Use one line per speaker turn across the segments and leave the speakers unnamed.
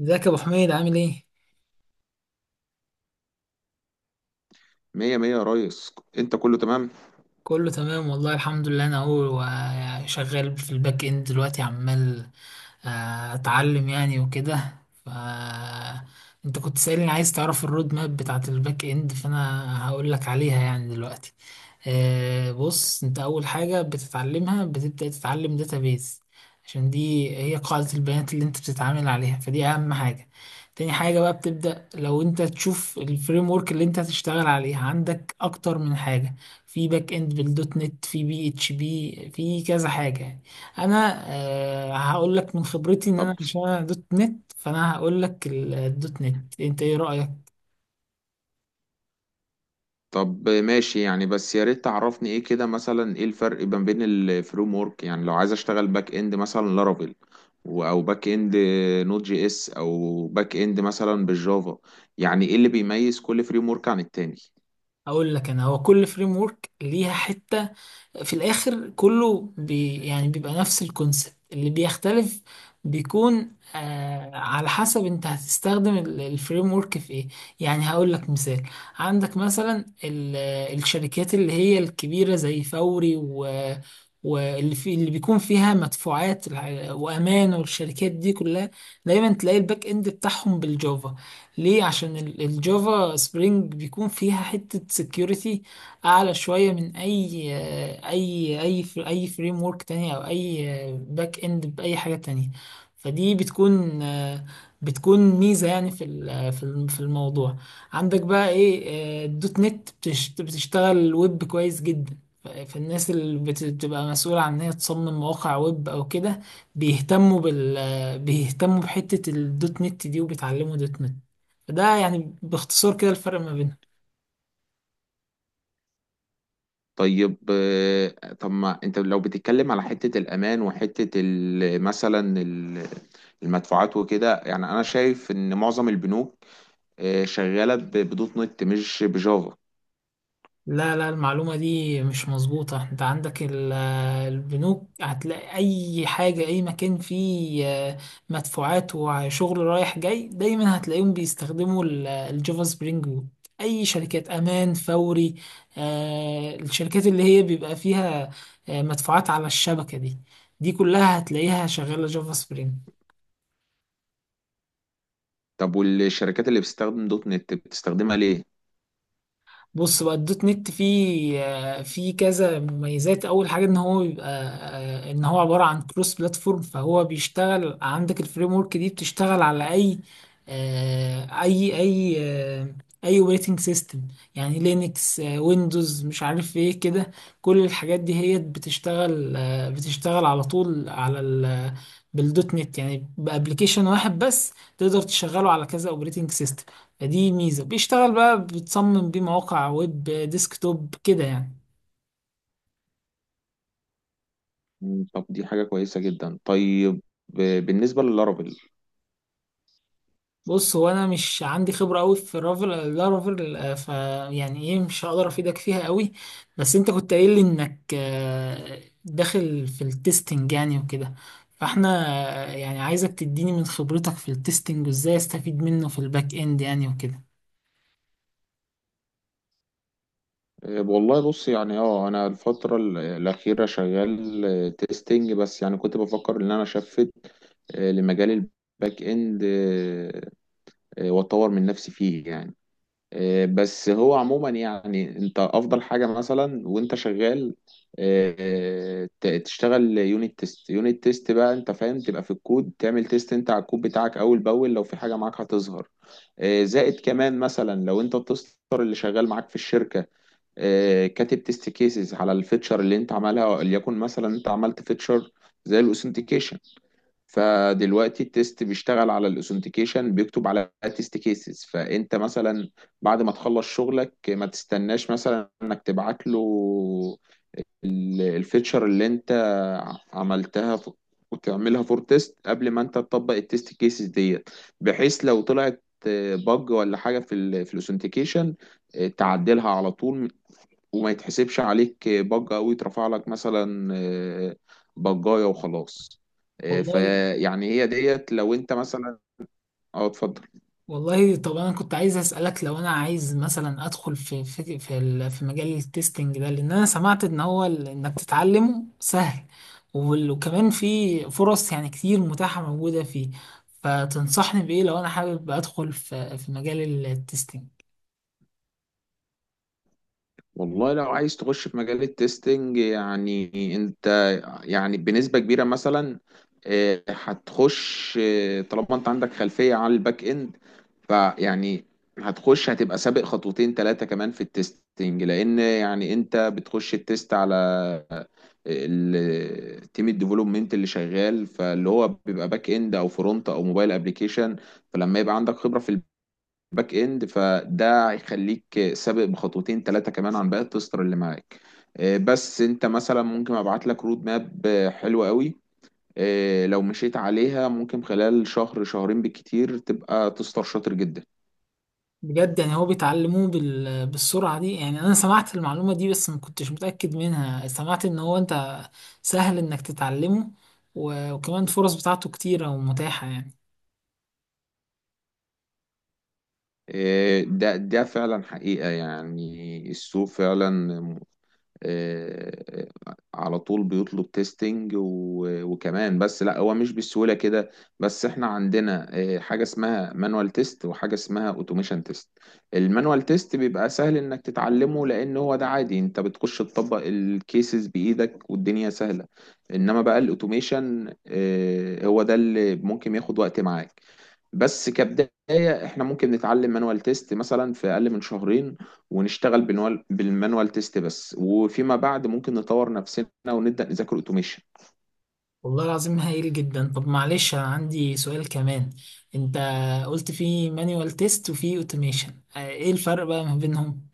ازيك يا ابو حميد عامل ايه؟
مية مية يا ريس، انت كله تمام.
كله تمام والله الحمد لله. انا اهو شغال في الباك اند دلوقتي عمال اتعلم يعني وكده. ف انت كنت سألني عايز تعرف الرود ماب بتاعت الباك اند، فانا هقول لك عليها يعني دلوقتي. بص، انت اول حاجة بتتعلمها بتبدأ تتعلم داتابيز، عشان دي هي قاعدة البيانات اللي انت بتتعامل عليها، فدي اهم حاجة. تاني حاجة بقى بتبدأ لو انت تشوف الفريم ورك اللي انت هتشتغل عليها، عندك اكتر من حاجة في باك اند، بالدوت نت، في بي اتش بي، في كذا حاجه يعني. انا هقول لك من خبرتي ان
طب
انا، عشان انا دوت نت، فانا هقول لك الدوت نت. انت ايه رايك؟
طب ماشي، يعني بس يا ريت تعرفني ايه كده، مثلا ايه الفرق ما بين الفريم ورك؟ يعني لو عايز اشتغل باك اند مثلا لارافيل، او باك اند نوت جي اس، او باك اند مثلا بالجافا. يعني ايه اللي بيميز كل فريم ورك عن التاني؟
اقول لك انا، هو كل فريم ورك ليها حته. في الاخر كله بي يعني بيبقى نفس الكونسبت، اللي بيختلف بيكون على حسب انت هتستخدم الفريم ورك في ايه. يعني هقول لك مثال. عندك مثلا الشركات اللي هي الكبيرة زي فوري و واللي في اللي بيكون فيها مدفوعات وامان، والشركات دي كلها دايما تلاقي الباك اند بتاعهم بالجافا. ليه؟ عشان الجافا سبرينج بيكون فيها حتة security اعلى شويه من اي فريم ورك تاني او اي باك اند باي حاجه تانية. فدي بتكون ميزه يعني في في الموضوع. عندك بقى ايه، الدوت نت بتشتغل ويب كويس جدا. فالناس اللي بتبقى مسؤولة عن ان هي تصمم مواقع ويب او كده، بيهتموا بحتة الدوت نت دي، وبيتعلموا دوت نت. فده يعني باختصار كده الفرق ما بينهم.
طيب. طب ما انت لو بتتكلم على حتة الامان وحتة مثلا المدفوعات وكده، يعني انا شايف ان معظم البنوك شغالة بدوت نت مش بجافا.
لا لا، المعلومة دي مش مظبوطة. انت عندك البنوك، هتلاقي اي حاجة، اي مكان فيه مدفوعات وشغل رايح جاي، دايما هتلاقيهم بيستخدموا الجافا سبرينج ويب. اي شركات امان، فوري، الشركات اللي هي بيبقى فيها مدفوعات على الشبكة دي، دي كلها هتلاقيها شغالة جافا سبرينج.
طب والشركات اللي بتستخدم دوت نت بتستخدمها ليه؟
بص بقى، الدوت نت فيه فيه كذا مميزات. اول حاجه ان هو بيبقى ان هو عباره عن كروس بلاتفورم، فهو بيشتغل، عندك الفريم ورك دي بتشتغل على آه، اي اي آه، اي اوبريتنج سيستم، يعني لينكس، ويندوز، مش عارف ايه كده. كل الحاجات دي هي بتشتغل بتشتغل على طول على بالدوت نت. يعني بابلكيشن واحد بس تقدر تشغله على كذا اوبريتنج سيستم. فدي ميزة. بيشتغل بقى، بتصمم بيه مواقع ويب، ديسكتوب كده يعني.
طب دي حاجة كويسة جدا. طيب بالنسبة للارابل.
بص، هو انا مش عندي خبرة قوي في الرافل، لارافل، آه، ف يعني ايه، مش هقدر افيدك فيها قوي. بس انت كنت قايل لي انك داخل في التستنج يعني وكده، فاحنا آه، يعني عايزك تديني من خبرتك في التستنج، وازاي استفيد منه في الباك اند يعني وكده.
والله بص، يعني انا الفترة الأخيرة شغال تيستينج، بس يعني كنت بفكر ان انا شفت لمجال الباك اند. واتطور من نفسي فيه يعني. بس هو عموما، يعني انت افضل حاجه مثلا وانت شغال تشتغل يونت تيست. يونت تيست بقى انت فاهم تبقى في الكود، تعمل تيست انت على الكود بتاعك اول باول، لو في حاجه معاك هتظهر. زائد كمان مثلا لو انت التستر اللي شغال معاك في الشركه كاتب تيست كيسز على الفيتشر اللي انت عملها. وليكن مثلا انت عملت فيتشر زي الاوثنتيكيشن، فدلوقتي التيست بيشتغل على الاوثنتيكيشن بيكتب على تيست كيسز. فانت مثلا بعد ما تخلص شغلك ما تستناش مثلا انك تبعت له الفيتشر اللي انت عملتها، وتعملها فور تيست قبل ما انت تطبق التيست كيسز ديت، بحيث لو طلعت بج ولا حاجه في الاوثنتيكيشن تعدلها على طول، وما يتحسبش عليك بجة أو يترفع لك مثلا بجاية وخلاص.
والله،
فيعني هي ديت لو أنت مثلا. أه، اتفضل.
والله طب انا كنت عايز اسالك، لو انا عايز مثلا ادخل في مجال التستنج ده، لان انا سمعت ان هو انك تتعلمه سهل، وكمان في فرص يعني كتير متاحه موجوده فيه. فتنصحني بايه لو انا حابب ادخل في مجال التستنج؟
والله لو عايز تخش في مجال التستنج، يعني أنت يعني بنسبة كبيرة مثلا هتخش طالما أنت عندك خلفية على الباك إند، فيعني هتخش، هتبقى سابق خطوتين ثلاثة كمان في التستنج. لأن يعني أنت بتخش التست على التيم الديفلوبمنت اللي شغال، فاللي هو بيبقى باك اند او فرونت او موبايل ابلكيشن. فلما يبقى عندك خبره في الباك اند فده هيخليك سابق بخطوتين ثلاثه كمان عن باقي التستر اللي معاك. بس انت مثلا ممكن ابعت لك رود ماب حلوه قوي، لو مشيت عليها ممكن خلال شهر شهرين بالكتير تبقى تستر شاطر جدا.
بجد يعني هو بيتعلموه بالسرعه دي يعني؟ انا سمعت المعلومه دي بس ما كنتش متاكد منها. سمعت ان هو انت سهل انك تتعلمه، وكمان الفرص بتاعته كتيره ومتاحه يعني.
ده فعلا حقيقة، يعني السوق فعلا آه، على طول بيطلب تيستنج، وكمان بس لا، هو مش بالسهولة كده. بس احنا عندنا حاجة اسمها مانوال تيست وحاجة اسمها اوتوميشن تيست. المانوال تيست بيبقى سهل انك تتعلمه، لان هو ده عادي انت بتخش تطبق الكيسز بايدك والدنيا سهلة. انما بقى الاوتوميشن هو ده اللي ممكن ياخد وقت معاك. بس كبداية احنا ممكن نتعلم مانوال تيست مثلا في اقل من شهرين، ونشتغل بالمانوال تيست بس، وفيما بعد ممكن نطور نفسنا ونبدأ نذاكر اوتوميشن.
والله العظيم هايل جدا. طب معلش انا عندي سؤال كمان. انت قلت في مانيوال تيست وفي اوتوميشن، ايه الفرق بقى ما بينهم؟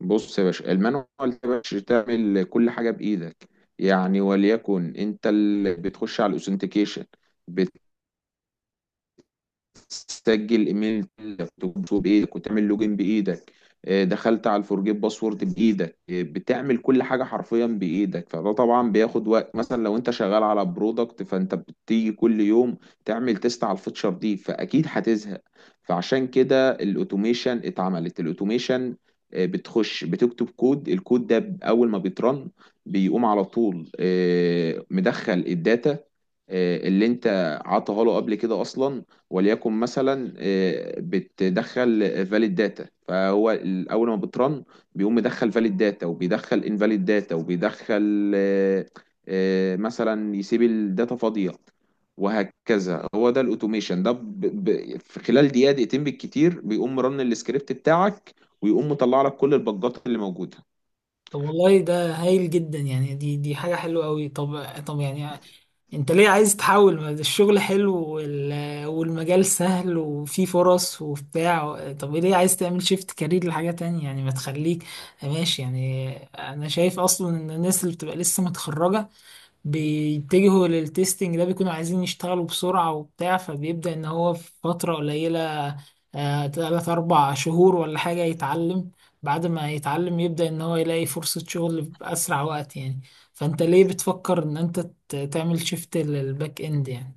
بص يا باشا، المانوال ده يا باشا تعمل كل حاجة بإيدك. يعني وليكن انت اللي بتخش على الاوثنتيكيشن، سجل ايميل كنت بتكتبه بايدك، وتعمل لوجين بايدك، دخلت على الفورجيت باسورد بايدك، بتعمل كل حاجه حرفيا بايدك. فده طبعا بياخد وقت، مثلا لو انت شغال على برودكت فانت بتيجي كل يوم تعمل تيست على الفيتشر دي، فاكيد هتزهق. فعشان كده الاوتوميشن اتعملت. الاوتوميشن بتخش بتكتب كود، الكود ده اول ما بيترن بيقوم على طول مدخل الداتا اللي انت عطاها له قبل كده اصلا. وليكن مثلا بتدخل فاليد داتا، فهو اول ما بترن بيقوم مدخل فاليد داتا وبيدخل انفاليد داتا وبيدخل مثلا يسيب الداتا فاضيه، وهكذا. هو ده الاوتوميشن. ده في خلال دقيقه دقيقتين بالكتير بيقوم رن السكريبت بتاعك ويقوم مطلع لك كل البجات اللي موجوده.
طب والله ده هايل جدا يعني. دي حاجة حلوة قوي. طب يعني انت ليه عايز تحول؟ ما ده الشغل حلو، والمجال سهل وفيه فرص وبتاع. طب ليه عايز تعمل شيفت كارير لحاجة تانية يعني؟ ما تخليك ماشي يعني. انا شايف اصلا ان الناس اللي بتبقى لسه متخرجة بيتجهوا للتستنج ده، بيكونوا عايزين يشتغلوا بسرعة وبتاع، فبيبدأ إن هو في فترة قليلة، تلات أربع شهور ولا حاجة، يتعلم. بعد ما يتعلم يبدأ إن هو يلاقي فرصة شغل بأسرع وقت يعني. فأنت ليه بتفكر إن أنت تعمل شيفت للباك إند يعني؟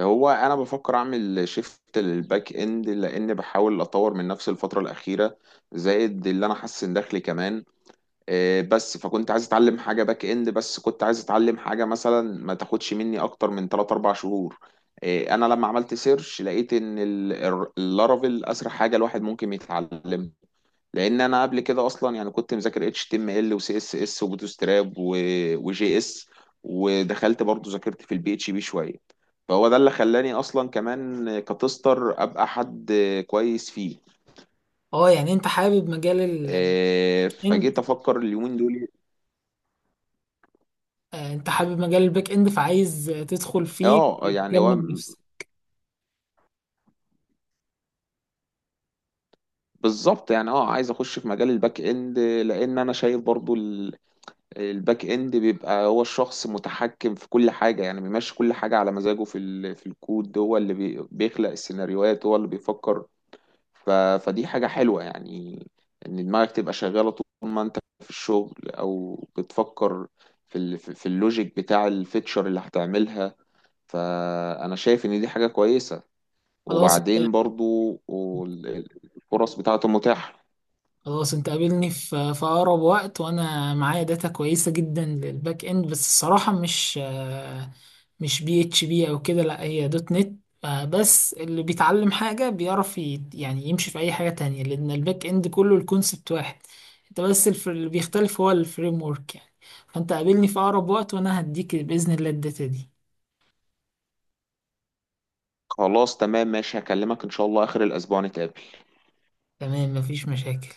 هو انا بفكر اعمل شيفت للباك اند لان بحاول اطور من نفسي الفتره الاخيره، زائد اللي انا حاسس ان دخلي كمان بس. فكنت عايز اتعلم حاجه باك اند، بس كنت عايز اتعلم حاجه مثلا ما تاخدش مني اكتر من 3 4 شهور. انا لما عملت سيرش لقيت ان اللارافيل اسرع حاجه الواحد ممكن يتعلمها، لان انا قبل كده اصلا يعني كنت مذاكر اتش تي ام ال وسي اس اس وبوتستراب وجي اس، ودخلت برضو ذاكرت في البي اتش بي شويه، فهو ده اللي خلاني اصلا كمان كتستر ابقى حد كويس فيه.
اه، يعني انت حابب مجال الباك
فجيت
اند.
افكر اليومين دول.
انت حابب مجال الباك اند فعايز تدخل فيه
اه يعني هو
تكمل نفسك.
بالظبط، يعني عايز اخش في مجال الباك اند، لان انا شايف برضو الباك اند بيبقى هو الشخص متحكم في كل حاجة. يعني بيمشي كل حاجة على مزاجه في الكود، هو اللي بيخلق السيناريوهات، هو اللي بيفكر. ف... فدي حاجة حلوة، يعني ان دماغك تبقى شغالة طول ما انت في الشغل او بتفكر في ال... في في اللوجيك بتاع الفيتشر اللي هتعملها. فانا شايف ان دي حاجة كويسة.
خلاص.
وبعدين برضو وال- الفرص بتاعته متاحة.
خلاص، انت قابلني في اقرب وقت وانا معايا داتا كويسه جدا للباك اند. بس الصراحه مش مش بي اتش بي او كده، لا، هي دوت نت. بس اللي بيتعلم حاجه بيعرف يعني يمشي في اي حاجه تانية، لان الباك اند كله الكونسبت واحد، انت بس اللي بيختلف هو الفريم ورك يعني. فانت قابلني في اقرب وقت وانا هديك باذن الله الداتا دي.
خلاص تمام ماشي، هكلمك ان شاء الله اخر الاسبوع نتقابل.
تمام، مفيش مشاكل.